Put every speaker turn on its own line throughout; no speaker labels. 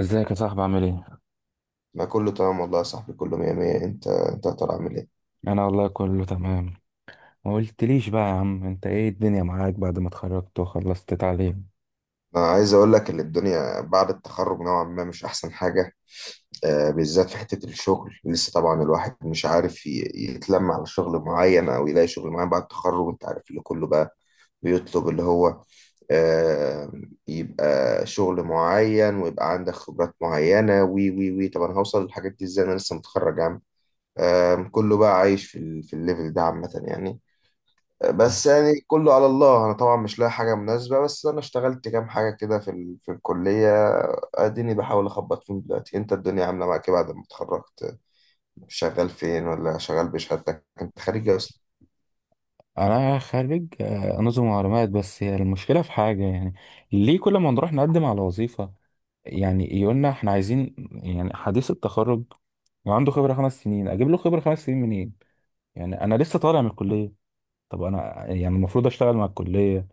ازيك يا صاحبي؟ عامل ايه؟
لا، كله تمام والله يا صاحبي، كله مية مية. انت يا ترى عامل ايه؟
انا والله كله تمام. ما قلتليش بقى يا عم، انت ايه الدنيا معاك بعد ما اتخرجت وخلصت تعليم؟
انا عايز اقول لك ان الدنيا بعد التخرج نوعا ما مش احسن حاجة. بالذات في حتة الشغل، لسه طبعا الواحد مش عارف يتلم على شغل معين او يلاقي شغل معين بعد التخرج. انت عارف اللي كله بقى بيطلب اللي هو آه، يبقى شغل معين ويبقى عندك خبرات معينة. وي وي وي طب انا هوصل للحاجات دي ازاي؟ انا لسه متخرج يا عم. كله بقى عايش في في الليفل ده عامة يعني. بس يعني كله على الله. انا طبعا مش لاقي حاجه مناسبه، بس انا اشتغلت كام حاجه كده في في الكليه. اديني بحاول اخبط فيهم دلوقتي. انت الدنيا عامله معاك إيه بعد ما اتخرجت؟ شغال فين؟ ولا شغال بشهادتك؟ انت خريج إيه اصلا؟
انا خارج نظم معلومات. بس هي المشكله في حاجه، يعني ليه كل ما نروح نقدم على وظيفه؟ يعني يقولنا احنا عايزين يعني حديث التخرج وعنده خبره 5 سنين. اجيب له خبره 5 سنين منين؟ يعني انا لسه طالع من الكليه. طب انا يعني المفروض اشتغل مع الكلية،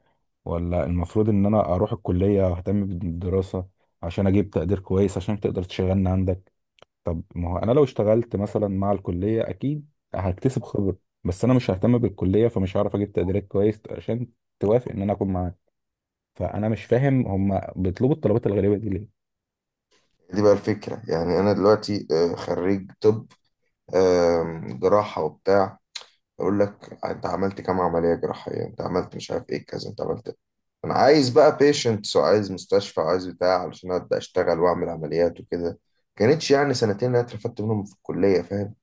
ولا المفروض ان انا اروح الكلية واهتم بالدراسة عشان اجيب تقدير كويس عشان تقدر تشغلني عندك؟ طب ما هو انا لو اشتغلت مثلا مع الكلية، اكيد هكتسب خبرة، بس انا مش ههتم بالكلية فمش هعرف اجيب تقديرات كويس عشان توافق ان انا اكون معاك. فانا مش فاهم هم بيطلبوا الطلبات الغريبة دي ليه.
دي بقى الفكره يعني. انا دلوقتي خريج طب، جراحه وبتاع. يقول لك انت عملت كام عمليه جراحيه؟ انت عملت مش عارف ايه كذا؟ انت عملت انا عايز بقى بيشنتس، وعايز مستشفى، وعايز بتاع علشان ابدا اشتغل واعمل عمليات وكده. كانتش يعني سنتين اللي انا اترفدت منهم في الكليه، فاهم؟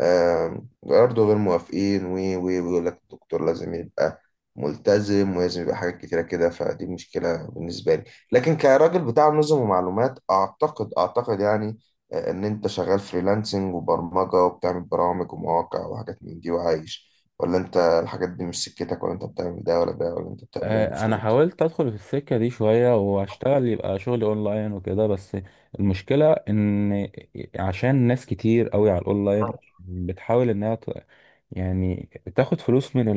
برضه غير موافقين، و و ويقول لك الدكتور لازم يبقى ملتزم، ولازم يبقى حاجات كتيرة كده. فدي مشكلة بالنسبة لي. لكن كراجل بتاع نظم ومعلومات، أعتقد يعني إن أنت شغال فريلانسنج وبرمجة، وبتعمل برامج ومواقع وحاجات من دي وعايش؟ ولا أنت الحاجات دي مش سكتك؟ ولا أنت بتعمل ده ولا ده؟ ولا أنت بتعمل إيه
انا
المفروض؟
حاولت ادخل في السكه دي شويه واشتغل، يبقى شغل اونلاين وكده، بس المشكله ان عشان ناس كتير قوي على الاونلاين بتحاول انها يعني تاخد فلوس من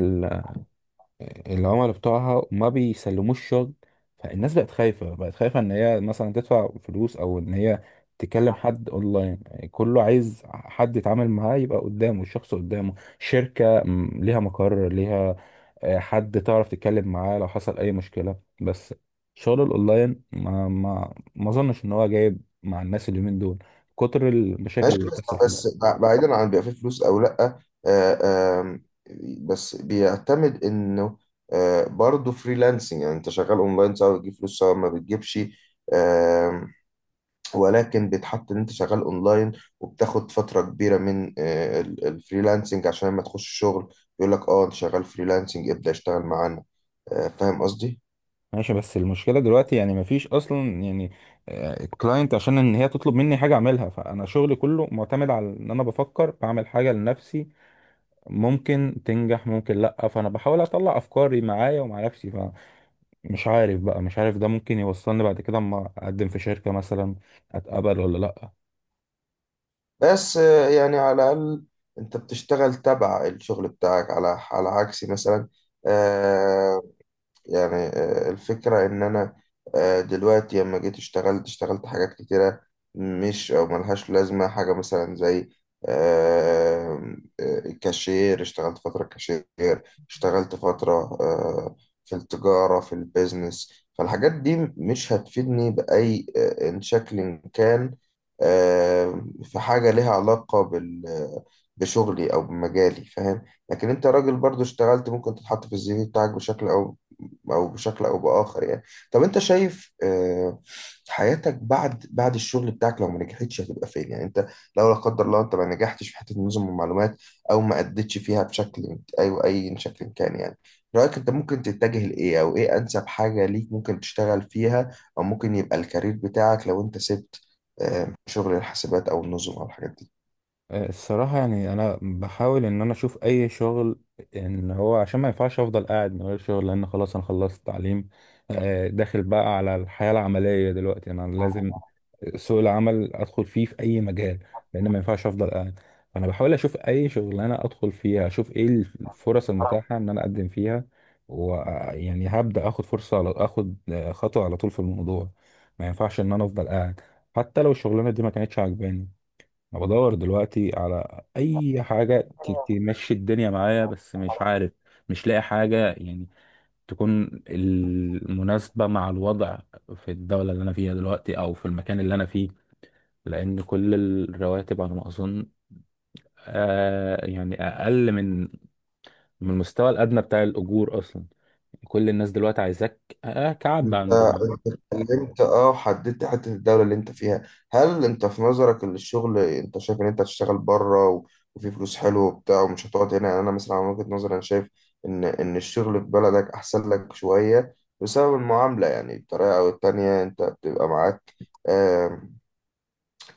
العملاء بتوعها، ما بيسلموش شغل. فالناس بقت خايفة، بقت خايفة ان هي مثلا تدفع فلوس، او ان هي تكلم حد اونلاين. يعني كله عايز حد يتعامل معاه، يبقى قدامه الشخص، قدامه شركة ليها مقر، ليها حد تعرف تتكلم معاه لو حصل اي مشكلة. بس شغل الاونلاين ما اظنش ان هو جايب مع الناس اليومين دول، كتر المشاكل
ماشي،
اللي
بس
بتحصل فيه.
بس بعيدا عن بيبقى فيه فلوس او لا، آه، آم، بس بيعتمد انه برضه فريلانسنج. يعني انت شغال اونلاين، سواء بتجيب فلوس سواء ما بتجيبش. آم، ولكن بيتحط ان انت شغال اونلاين وبتاخد فترة كبيرة من الفريلانسنج، عشان لما تخش شغل يقول لك اه انت شغال فريلانسنج، ابدأ اشتغل معانا. فاهم قصدي؟
ماشي، بس المشكلة دلوقتي يعني مفيش أصلا يعني كلاينت عشان إن هي تطلب مني حاجة أعملها، فأنا شغلي كله معتمد على إن أنا بفكر بعمل حاجة لنفسي. ممكن تنجح، ممكن لأ، فأنا بحاول أطلع أفكاري معايا ومع نفسي. فمش عارف بقى، مش عارف ده ممكن يوصلني بعد كده أما أقدم في شركة مثلا أتقبل ولا لأ.
بس يعني على الاقل انت بتشتغل تبع الشغل بتاعك، على عكسي مثلا. آه، يعني الفكرة إن أنا دلوقتي لما جيت اشتغلت حاجات كتيرة مش أو ملهاش لازمة حاجة مثلا زي كاشير. اشتغلت فترة كاشير، اشتغلت فترة آه، في التجارة، في البيزنس. فالحاجات دي مش هتفيدني بأي إن شكل كان في حاجة ليها علاقة بشغلي أو بمجالي، فاهم؟ لكن انت راجل برضو اشتغلت، ممكن تتحط في السي في بتاعك بشكل او بشكل او باخر يعني. طب انت شايف حياتك بعد الشغل بتاعك، لو ما نجحتش هتبقى فين يعني؟ انت لو لا قدر الله انت ما نجحتش في حته نظم المعلومات او ما اديتش فيها بشكل او اي شكل كان، يعني رايك انت ممكن تتجه لايه؟ او ايه انسب حاجه ليك ممكن تشتغل فيها؟ او ممكن يبقى الكارير بتاعك لو انت سبت شغل الحاسبات او النظم او الحاجات دي؟
الصراحة يعني أنا بحاول إن أنا أشوف أي شغل، إن هو عشان ما ينفعش أفضل قاعد من غير شغل، لأن خلاص أنا خلصت تعليم. داخل بقى على الحياة العملية دلوقتي، أنا لازم سوق العمل أدخل فيه في أي مجال، لأن ما ينفعش أفضل قاعد. فأنا بحاول أشوف أي شغل أنا أدخل فيها، أشوف إيه الفرص المتاحة إن أنا أقدم فيها، ويعني هبدأ آخد فرصة، على آخد خطوة على طول في الموضوع. ما ينفعش إن أنا أفضل قاعد حتى لو الشغلانة دي ما كانتش عاجباني. انا بدور دلوقتي على اي حاجه تمشي الدنيا معايا، بس مش عارف، مش لاقي حاجه يعني تكون المناسبه مع الوضع في الدوله اللي انا فيها دلوقتي، او في المكان اللي انا فيه، لان كل الرواتب على ما اظن يعني اقل من المستوى الادنى بتاع الاجور اصلا. كل الناس دلوقتي عايزاك كعب
انت
عنده.
انت اتكلمت وحددت حته الدوله اللي انت فيها. هل انت في نظرك ان الشغل، انت شايف ان انت هتشتغل بره، و... وفي فلوس حلوه وبتاع ومش هتقعد هنا؟ يعني انا مثلا من وجهه نظري انا شايف ان ان الشغل في بلدك احسن لك شويه، بسبب المعامله. يعني بطريقه او التانيه انت بتبقى معاك،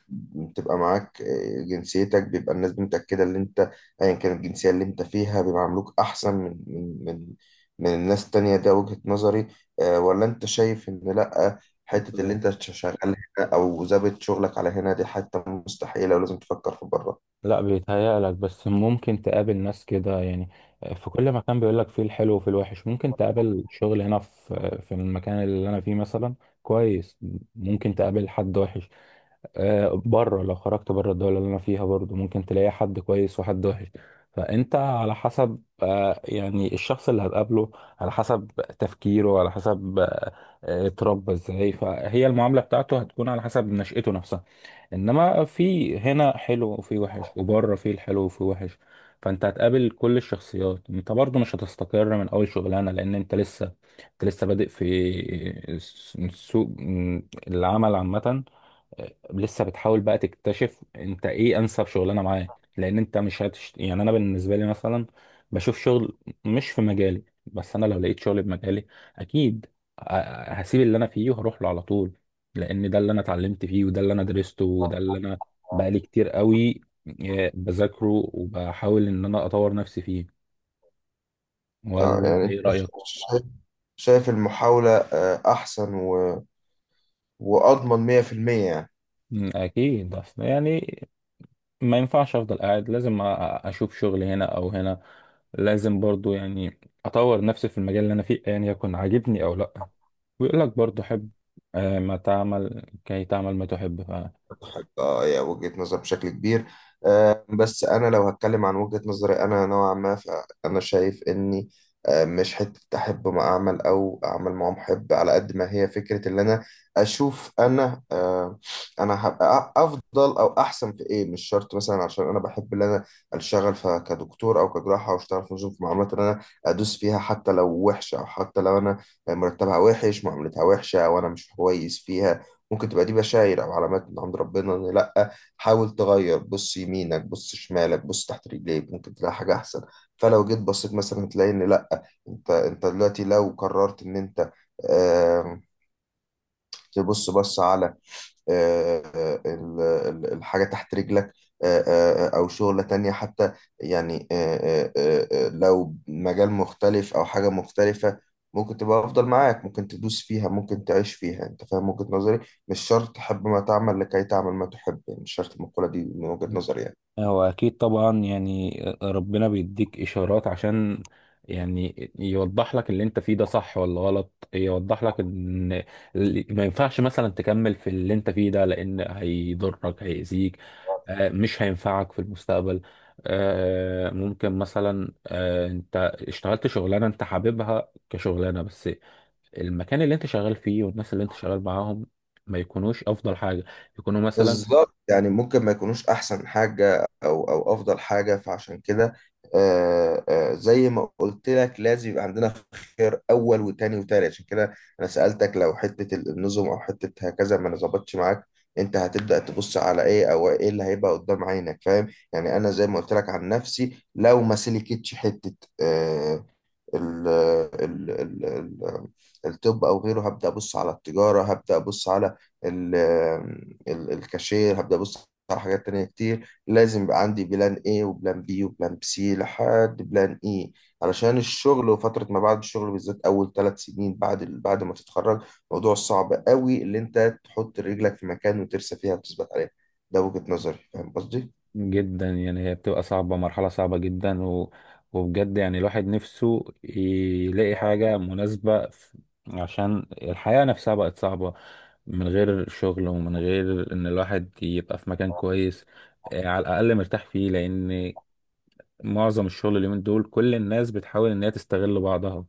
جنسيتك، بيبقى الناس متأكدة ان انت ايا كانت الجنسية اللي انت فيها بيعاملوك احسن من الناس التانية. ده وجهة نظري. ولا انت شايف ان لا، حتة اللي انت شغال هنا او ظابط شغلك على هنا دي حتة مستحيلة ولازم تفكر في بره؟
لا، بيتهيألك، بس ممكن تقابل ناس كده يعني. في كل مكان، بيقولك فيه الحلو وفيه الوحش. ممكن تقابل شغل هنا في في المكان اللي أنا فيه مثلا كويس، ممكن تقابل حد وحش. بره لو خرجت بره الدولة اللي أنا فيها، برضو ممكن تلاقي حد كويس وحد وحش. فأنت على حسب يعني الشخص اللي هتقابله، على حسب تفكيره، على حسب اتربى ازاي، فهي المعاملة بتاعته هتكون على حسب نشأته نفسها. انما في هنا حلو وفي وحش، وبره في الحلو وفي وحش. فانت هتقابل كل الشخصيات. انت برضو مش هتستقر من اول شغلانه، لان انت لسه، انت لسه بادئ في سوق العمل عامه. لسه بتحاول بقى تكتشف انت ايه انسب شغلانه معاه. لان انت مش يعني انا بالنسبه لي مثلا، بشوف شغل مش في مجالي، بس انا لو لقيت شغل بمجالي اكيد ه- هسيب اللي انا فيه وهروح له على طول، لان ده اللي انا اتعلمت فيه، وده اللي انا درسته، وده اللي انا بقالي كتير قوي بذاكره وبحاول ان انا اطور نفسي فيه. ولا انت
يعني انت
ايه رايك؟
شايف، المحاولة احسن واضمن 100% يعني؟
اكيد، اصل يعني ما ينفعش افضل قاعد، لازم اشوف شغل هنا او هنا. لازم برضو يعني اطور نفسي في المجال اللي انا فيه، يعني يكون عاجبني او لا. ويقول لك برضو حب ما تعمل كي تعمل ما تحب.
حاجة هي وجهة نظر بشكل كبير. بس أنا لو هتكلم عن وجهة نظري أنا نوعا ما، فأنا شايف إني مش حتة أحب ما أعمل أو أعمل ما محب، على قد ما هي فكرة اللي أنا أشوف أنا أنا هبقى أفضل أو أحسن في إيه. مش شرط مثلا عشان أنا بحب اللي أنا أشتغل كدكتور أو كجراحة أو أشتغل في نظم في معاملات اللي أنا أدوس فيها، حتى لو وحشة أو حتى لو أنا مرتبها وحش، معاملتها وحشة، وأنا مش كويس فيها. ممكن تبقى دي بشاير او علامات من عند ربنا ان لا، حاول تغير، بص يمينك، بص شمالك، بص تحت رجليك، ممكن تلاقي حاجه احسن. فلو جيت بصيت مثلا هتلاقي ان لا، انت دلوقتي لو قررت ان انت آم، تبص، بص على الحاجة تحت رجلك، أو شغلة تانية حتى يعني، لو مجال مختلف أو حاجة مختلفة، ممكن تبقى أفضل معاك، ممكن تدوس فيها، ممكن تعيش فيها. أنت فاهم وجهة نظري؟ مش شرط تحب ما تعمل لكي تعمل ما تحب. يعني مش شرط المقولة دي من وجهة نظري يعني.
هو أكيد طبعا يعني ربنا بيديك إشارات عشان يعني يوضح لك اللي أنت فيه ده صح ولا غلط، يوضح لك إن ما ينفعش مثلا تكمل في اللي أنت فيه ده، لأن هيضرك، هيأذيك، مش هينفعك في المستقبل. ممكن مثلا أنت اشتغلت شغلانة أنت حاببها كشغلانة، بس المكان اللي أنت شغال فيه، والناس اللي أنت شغال معاهم، ما يكونوش أفضل حاجة، يكونوا مثلا
بالظبط، يعني ممكن ما يكونوش احسن حاجه او افضل حاجه، فعشان كده زي ما قلت لك لازم يبقى عندنا خير اول وتاني وتالت. عشان كده انا سالتك لو حته النظم او حته هكذا ما ظبطتش معاك، انت هتبدا تبص على ايه؟ او ايه اللي هيبقى قدام عينك، فاهم؟ يعني انا زي ما قلت لك عن نفسي، لو ما سلكتش حته ال ال ال ال الطب او غيره، هبدا ابص على التجاره، هبدا ابص على ال ال الكاشير، هبدا ابص على حاجات تانية كتير. لازم يبقى عندي بلان A وبلان B وبلان C لحد بلان E، علشان الشغل وفترة ما بعد الشغل، بالذات أول 3 سنين بعد بعد ما تتخرج، موضوع صعب قوي اللي أنت تحط رجلك في مكان وترسى فيها وتثبت عليها. ده وجهة نظري، فاهم قصدي؟
جدا يعني. هي بتبقى صعبة، مرحلة صعبة جدا وبجد يعني الواحد نفسه يلاقي حاجة مناسبة، عشان الحياة نفسها بقت صعبة. من غير شغل ومن غير ان الواحد يبقى في مكان كويس، على الأقل مرتاح فيه، لأن معظم الشغل اليومين دول كل الناس بتحاول ان هي تستغل بعضها،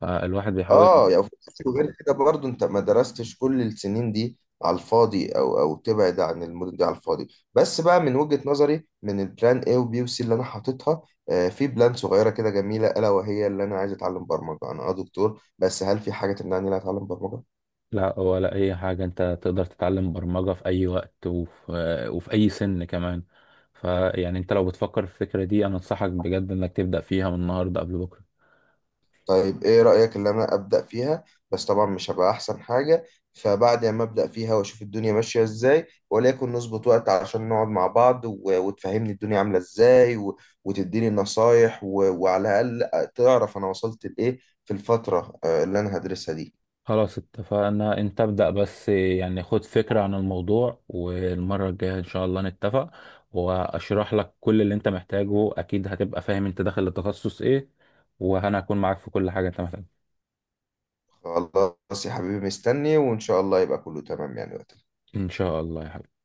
فالواحد بيحاول.
اه يعني، وغير كده برضو انت ما درستش كل السنين دي على الفاضي او تبعد عن المدن دي على الفاضي. بس بقى من وجهة نظري، من البلان A وبي وسي اللي انا حاططها، في بلان صغيرة كده جميلة الا وهي اللي انا عايز اتعلم برمجة. انا اه دكتور، بس هل في حاجة تمنعني ان انا اتعلم برمجة؟
لا، ولا أي حاجة. أنت تقدر تتعلم برمجة في أي وقت، وفي أي سن كمان. فيعني أنت لو بتفكر في الفكرة دي، أنا أنصحك بجد إنك تبدأ فيها من النهاردة قبل بكرة.
طيب ايه رأيك اللي انا ابدأ فيها؟ بس طبعا مش هبقى احسن حاجة. فبعد ما ابدأ فيها واشوف الدنيا ماشية ازاي، وليكن نظبط وقت عشان نقعد مع بعض وتفهمني الدنيا عاملة ازاي وتديني نصايح وعلى الاقل تعرف انا وصلت لايه في الفترة اللي انا هدرسها دي.
خلاص، اتفقنا. أنت ابدأ بس يعني خد فكرة عن الموضوع، والمرة الجاية إن شاء الله نتفق، وأشرح لك كل اللي أنت محتاجه، أكيد هتبقى فاهم أنت داخل التخصص إيه، وأنا هكون معاك في كل حاجة أنت محتاجها.
خلاص يا حبيبي، مستني وان شاء الله يبقى كله تمام يعني وقتها.
إن شاء الله يا حبيبي.